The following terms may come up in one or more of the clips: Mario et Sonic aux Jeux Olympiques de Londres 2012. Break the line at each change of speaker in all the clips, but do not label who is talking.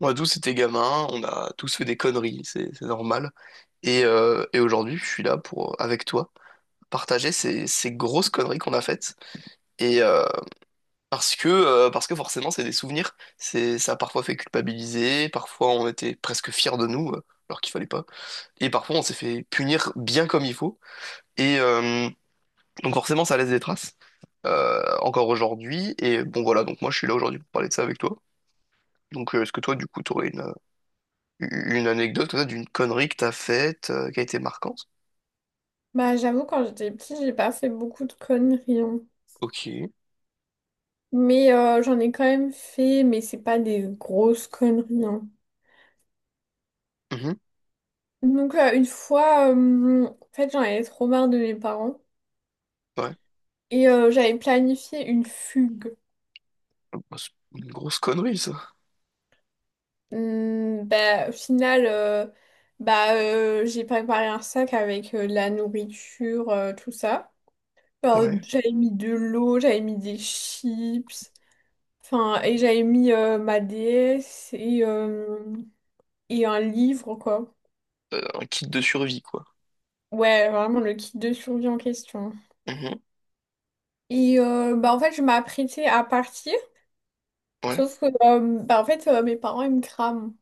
On a tous été gamins, on a tous fait des conneries, c'est normal. Et aujourd'hui, je suis là pour, avec toi, partager ces grosses conneries qu'on a faites. Et euh, Parce que, parce que forcément, c'est des souvenirs. C'est, ça a parfois fait culpabiliser, parfois on était presque fiers de nous, alors qu'il fallait pas. Et parfois, on s'est fait punir bien comme il faut. Et euh, donc forcément, ça laisse des traces, encore aujourd'hui. Et bon, voilà, donc moi, je suis là aujourd'hui pour parler de ça avec toi. Donc, est-ce que toi, du coup, t'aurais une anecdote comme ça, d'une connerie que t'as faite, qui a été marquante?
Bah, j'avoue, quand j'étais petite, j'ai pas fait beaucoup de conneries, hein.
Ok.
Mais j'en ai quand même fait, mais c'est pas des grosses conneries, hein.
Mhm.
Donc, une fois, en fait, j'en avais trop marre de mes parents.
Ouais.
J'avais planifié une fugue.
Bah, c'est une grosse connerie, ça.
Bah, au final, bah, J'ai préparé un sac avec de la nourriture, tout ça. Bah,
Ouais.
j'avais mis de l'eau, j'avais mis des chips. Enfin, et j'avais mis ma déesse et un livre, quoi.
Un kit de survie, quoi.
Ouais, vraiment le kit de survie en question.
Mhm.
En fait, je m'apprêtais à partir,
Ouais.
sauf que mes parents, ils me crament.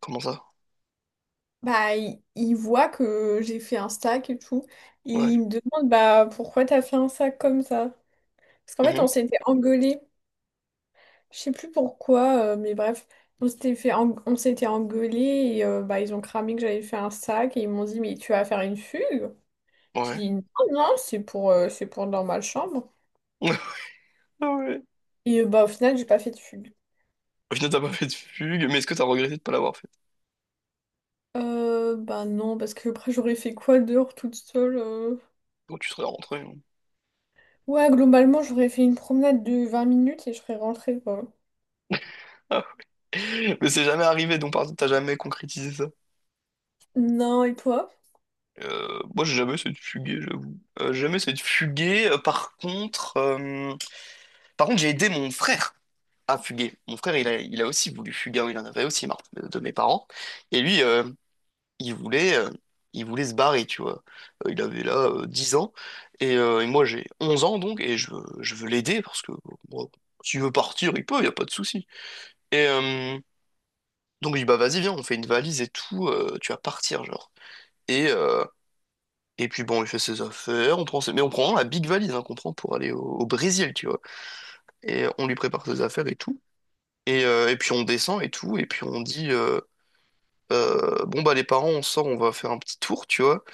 Comment ça?
Bah, ils voient que j'ai fait un sac et tout. Et
Ouais.
ils me demandent, bah, pourquoi t'as fait un sac comme ça? Parce qu'en fait, on
Mhm.
s'était engueulés. Je sais plus pourquoi, mais bref, on s'était engueulés bah, ils ont cramé que j'avais fait un sac et ils m'ont dit, mais tu vas faire une fugue? J'ai
Ouais.
dit, non, non, c'est pour dans ma chambre.
Ah ouais.
Bah au final, j'ai pas fait de fugue.
Au final, t'as pas fait de fugue, mais est-ce que t'as regretté de pas l'avoir fait?
Bah non, parce que après j'aurais fait quoi dehors toute seule.
Bon, tu serais rentré, hein.
Ouais, globalement, j'aurais fait une promenade de 20 minutes et je serais rentrée, quoi.
Ah. Mais c'est jamais arrivé, donc par exemple, t'as jamais concrétisé ça.
Non, et toi?
Moi, j'ai jamais essayé de fuguer, j'avoue. J'ai jamais essayé de fuguer. Par contre, j'ai aidé mon frère à fuguer. Mon frère, il a aussi voulu fuguer, hein, il en avait aussi marre de mes parents. Et lui, il voulait, euh, il voulait se barrer, tu vois. Il avait là 10 ans, et moi j'ai 11 ans, donc, et je veux l'aider, parce que bon, s'il veut partir, il peut, il n'y a pas de souci. Et euh, donc, il dit, bah vas-y, viens, on fait une valise et tout, tu vas partir, genre. Et, euh, et puis bon, il fait ses affaires, mais on prend vraiment la big valise, hein, qu'on prend pour aller au Brésil, tu vois. Et on lui prépare ses affaires et tout. Et puis on descend et tout, et puis on dit bon bah les parents on sort, on va faire un petit tour, tu vois.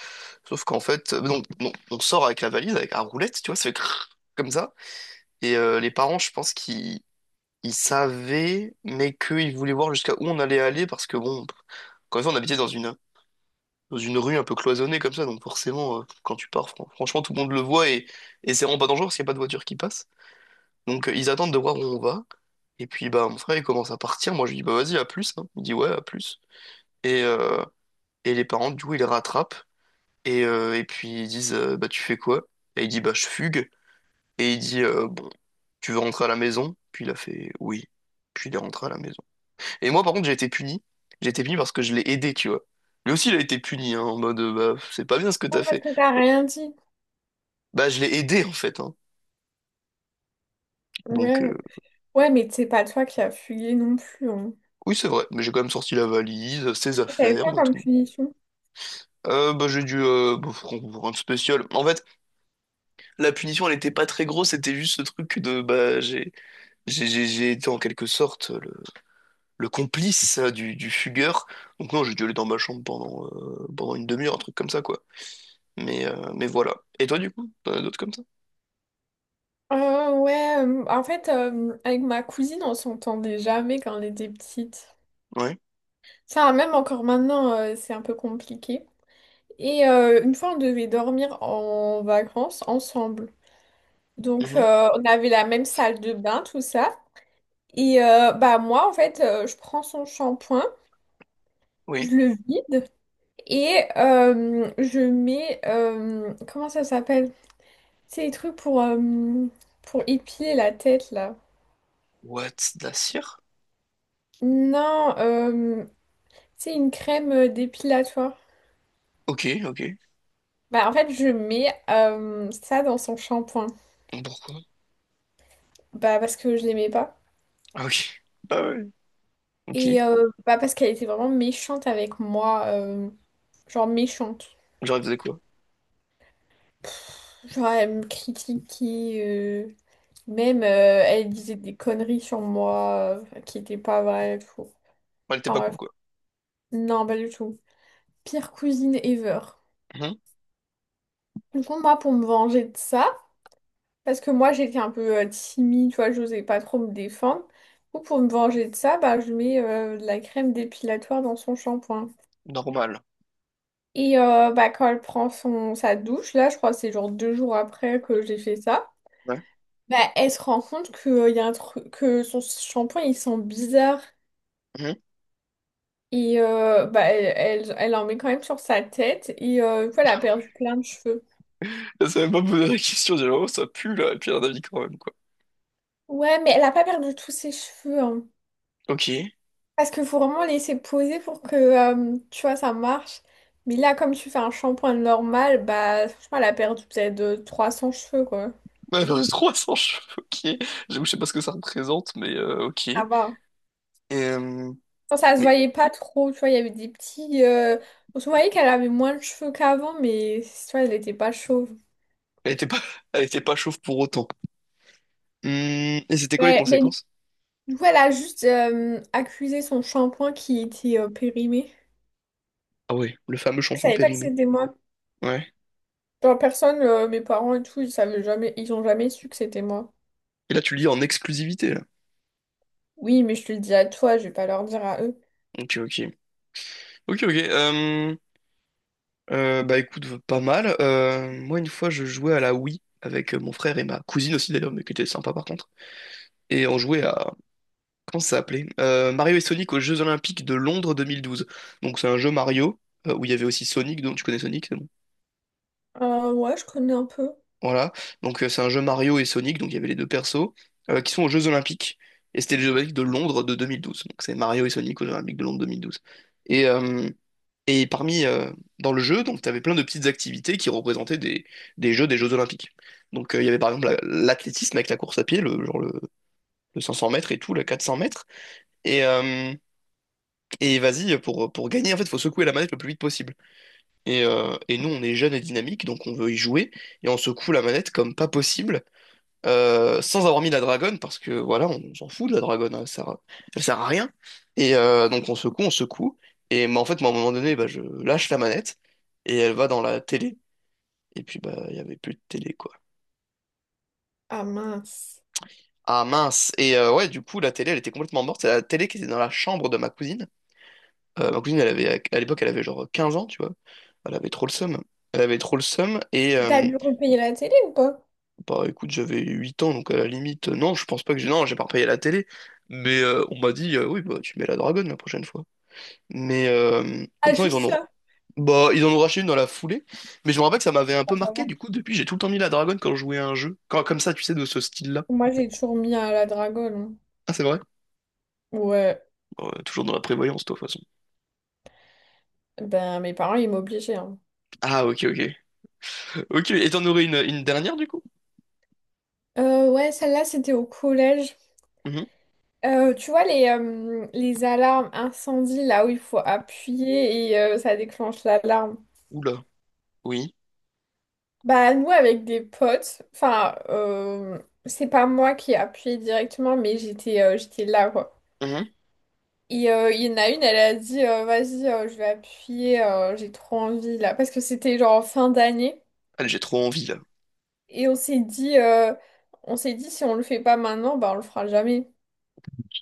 Sauf qu'en fait, non, non, on sort avec la valise, avec la roulette, tu vois, ça fait crrr comme ça. Les parents, je pense qu'ils ils savaient, mais qu'ils voulaient voir jusqu'à où on allait aller, parce que bon, quand même on habitait dans une rue un peu cloisonnée comme ça, donc forcément quand tu pars, franchement tout le monde le voit et c'est vraiment pas dangereux parce qu'il n'y a pas de voiture qui passe. Ils attendent de voir où on va. Et puis bah mon frère il commence à partir, moi je lui dis bah vas-y à plus, hein. Il dit ouais à plus. Et, euh, et les parents du coup ils le rattrapent et puis ils disent bah tu fais quoi? Et il dit bah je fugue. Et il dit bon tu veux rentrer à la maison? Puis il a fait oui. Puis il est rentré à la maison. Et moi par contre j'ai été puni. J'ai été puni parce que je l'ai aidé, tu vois. Lui aussi il a été puni, hein, en mode bah c'est pas bien ce que
Ouais,
t'as
parce
fait.
que t'as rien dit.
Bah je l'ai aidé en fait, hein. Donc euh,
Ouais. Ouais, mais c'est pas toi qui as fugué non plus, hein.
oui c'est vrai, mais j'ai quand même sorti la valise, ses
Et t'as eu
affaires,
quoi
on a
comme
tout.
punition?
Bah, j'ai dû bah, faut rendre spécial. En fait, la punition, elle était pas très grosse, c'était juste ce truc de bah j'ai été en quelque sorte le complice du fugueur. Donc non, j'ai dû aller dans ma chambre pendant une demi-heure, un truc comme ça quoi. Mais voilà. Et toi du coup, t'en as d'autres comme ça?
Ouais, en fait, avec ma cousine, on s'entendait jamais quand on était petite.
Ouais.
Ça, même encore maintenant, c'est un peu compliqué. Une fois, on devait dormir en vacances ensemble. Donc,
Mhm.
euh, on avait la même salle de bain, tout ça. Moi, en fait, je prends son shampoing, je
Oui.
le vide et je mets... comment ça s'appelle? C'est les trucs pour épiler la tête, là.
What, de la cire?
Non, c'est une crème dépilatoire.
Ok, ok.
Bah en fait, je mets ça dans son shampoing.
Pourquoi?
Bah parce que je l'aimais pas.
Ah ok. Ah ouais. Ok.
Bah parce qu'elle était vraiment méchante avec moi, genre méchante.
Genre, elle faisait quoi?
Genre, elle me critiquait, euh, même elle disait des conneries sur moi qui n'étaient pas vraies, et tout.
Elle était
Enfin
pas cool
bref,
quoi.
non, pas du tout. Pire cousine ever.
Mhm.
Du coup, moi, pour me venger de ça, parce que moi, j'étais un peu timide, tu vois, j'osais pas trop me défendre. Du coup, pour me venger de ça, bah, je mets de la crème dépilatoire dans son shampoing.
Normal.
Bah, quand elle prend sa douche, là, je crois que c'est genre 2 jours après que j'ai fait ça.
Ouais.
Bah, elle se rend compte que, y a un truc, que son shampoing il sent bizarre
Mm-hmm.
bah, elle en met quand même sur sa tête et du coup, elle a perdu plein de cheveux.
Je savais pas poser la question, j'ai dit, oh, ça pue là, et puis elle en a mis quand même, quoi.
Ouais, mais elle a pas perdu tous ses cheveux, hein.
Ok. Ouais,
Parce qu'il faut vraiment laisser poser pour que tu vois ça marche. Mais là, comme tu fais un shampoing normal, bah franchement, elle a perdu peut-être 300 cheveux quoi.
j'en ai 300 cheveux, ok. J'avoue, je sais pas ce que ça représente, mais ok.
Ça va.
Euh,
Enfin, ça se
mais
voyait pas trop, tu vois, il y avait des petits. On se voyait qu'elle avait moins de cheveux qu'avant, mais tu vois, elle n'était pas chauve.
elle était pas, elle était pas chauve pour autant. Hmm, et c'était quoi les
Ouais, mais
conséquences?
voilà, juste accuser son shampoing qui était périmé.
Ah ouais, le fameux
Je
shampoing
savais pas que
périmé.
c'était moi.
Ouais.
Genre, personne, mes parents et tout, ils savaient jamais, ils ont jamais su que c'était moi.
Et là, tu le lis en exclusivité, là.
Oui, mais je te le dis à toi, je vais pas leur dire à eux.
Ok, ok. Ok, ok. Bah écoute, pas mal. Moi, une fois, je jouais à la Wii avec mon frère et ma cousine aussi, d'ailleurs, mais qui était sympa par contre. Et on jouait à, comment ça s'appelait? Mario et Sonic aux Jeux Olympiques de Londres 2012. Donc c'est un jeu Mario, où il y avait aussi Sonic, donc tu connais Sonic, c'est bon.
Ouais, je connais un peu.
Voilà. C'est un jeu Mario et Sonic, donc il y avait les deux persos, qui sont aux Jeux Olympiques. Et c'était les Jeux Olympiques de Londres de 2012. Donc c'est Mario et Sonic aux Jeux Olympiques de Londres 2012. Et, euh, et parmi, euh, Dans le jeu, donc tu avais plein de petites activités qui représentaient des Jeux Olympiques. Il y avait par exemple l'athlétisme avec la course à pied, le 500 mètres et tout, le 400 mètres. Et, euh, Et vas-y, pour gagner, en fait, il faut secouer la manette le plus vite possible. Et nous, on est jeunes et dynamiques, donc on veut y jouer, et on secoue la manette comme pas possible, sans avoir mis la dragonne, parce que voilà, s'en fout de la dragonne, elle sert à rien. Donc on secoue, mais en fait, moi, à un moment donné, bah, je lâche la manette, et elle va dans la télé. Et puis, bah, il y avait plus de télé, quoi.
Ah mince.
Ah mince! Ouais, du coup, la télé, elle était complètement morte, c'est la télé qui était dans la chambre de ma cousine. Ma cousine, à l'époque, elle avait genre 15 ans, tu vois. Elle avait trop le seum. Elle avait trop le seum.
T'as dû repayer la télé ou pas?
Bah écoute, j'avais 8 ans, donc à la limite, non, je pense pas que j'ai. Non, j'ai pas repayé la télé. On m'a dit, oui, bah tu mets la dragonne la prochaine fois. Mais euh,
Ah,
donc non, ils en
juste
ont.
ça.
Bah, ils en ont racheté une dans la foulée. Mais je me rappelle que ça m'avait un peu
Pas
marqué.
savoir.
Du coup, depuis, j'ai tout le temps mis la dragonne quand je jouais à un jeu. Quand, comme ça, tu sais, de ce style-là.
Moi, j'ai toujours mis à la dragone,
Ah, c'est vrai?
hein. Ouais,
Bon, toujours dans la prévoyance, toi, de toute façon.
ben mes parents, ils m'obligeaient, hein.
Ah, ok, ok. Ok, et t'en aurais une dernière, du coup?
Ouais, celle-là, c'était au collège.
Mhm.
Tu vois les alarmes incendie là où il faut appuyer et ça déclenche l'alarme.
Oula. Oui.
Bah nous avec des potes, c'est pas moi qui ai appuyé directement mais j'étais j'étais là quoi. Il y en a une, elle a dit vas-y je vais appuyer, j'ai trop envie là parce que c'était genre en fin d'année
Allez, j'ai trop envie là.
et on s'est dit si on le fait pas maintenant bah on le fera jamais.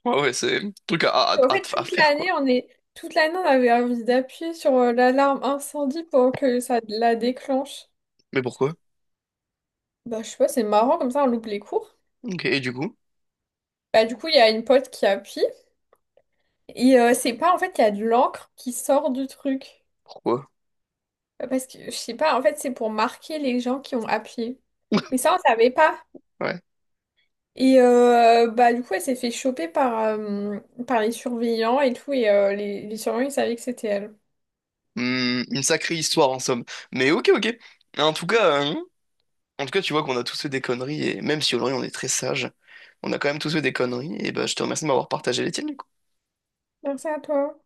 Ouais, ouais, c'est un truc
En fait,
à
toute
faire
l'année,
quoi.
on est... toute l'année, on avait envie d'appuyer sur l'alarme incendie pour que ça la déclenche.
Mais pourquoi?
Bah, je sais pas, c'est marrant, comme ça, on loupe les cours.
Ok, et du coup?
Bah, du coup, il y a une pote qui appuie. C'est pas, en fait, il y a de l'encre qui sort du truc.
Pourquoi?
Parce que, je sais pas, en fait, c'est pour marquer les gens qui ont appuyé. Mais ça, on savait pas.
Ouais.
Bah, du coup, elle s'est fait choper par, par les surveillants et tout. Les surveillants, ils savaient que c'était elle.
Hmm, une sacrée histoire en somme. Mais ok, ok. En tout cas, hein, En tout cas, tu vois qu'on a tous fait des conneries et même si aujourd'hui on est très sage, on a quand même tous fait des conneries. Et bah, je te remercie de m'avoir partagé les tiennes.
Merci à toi.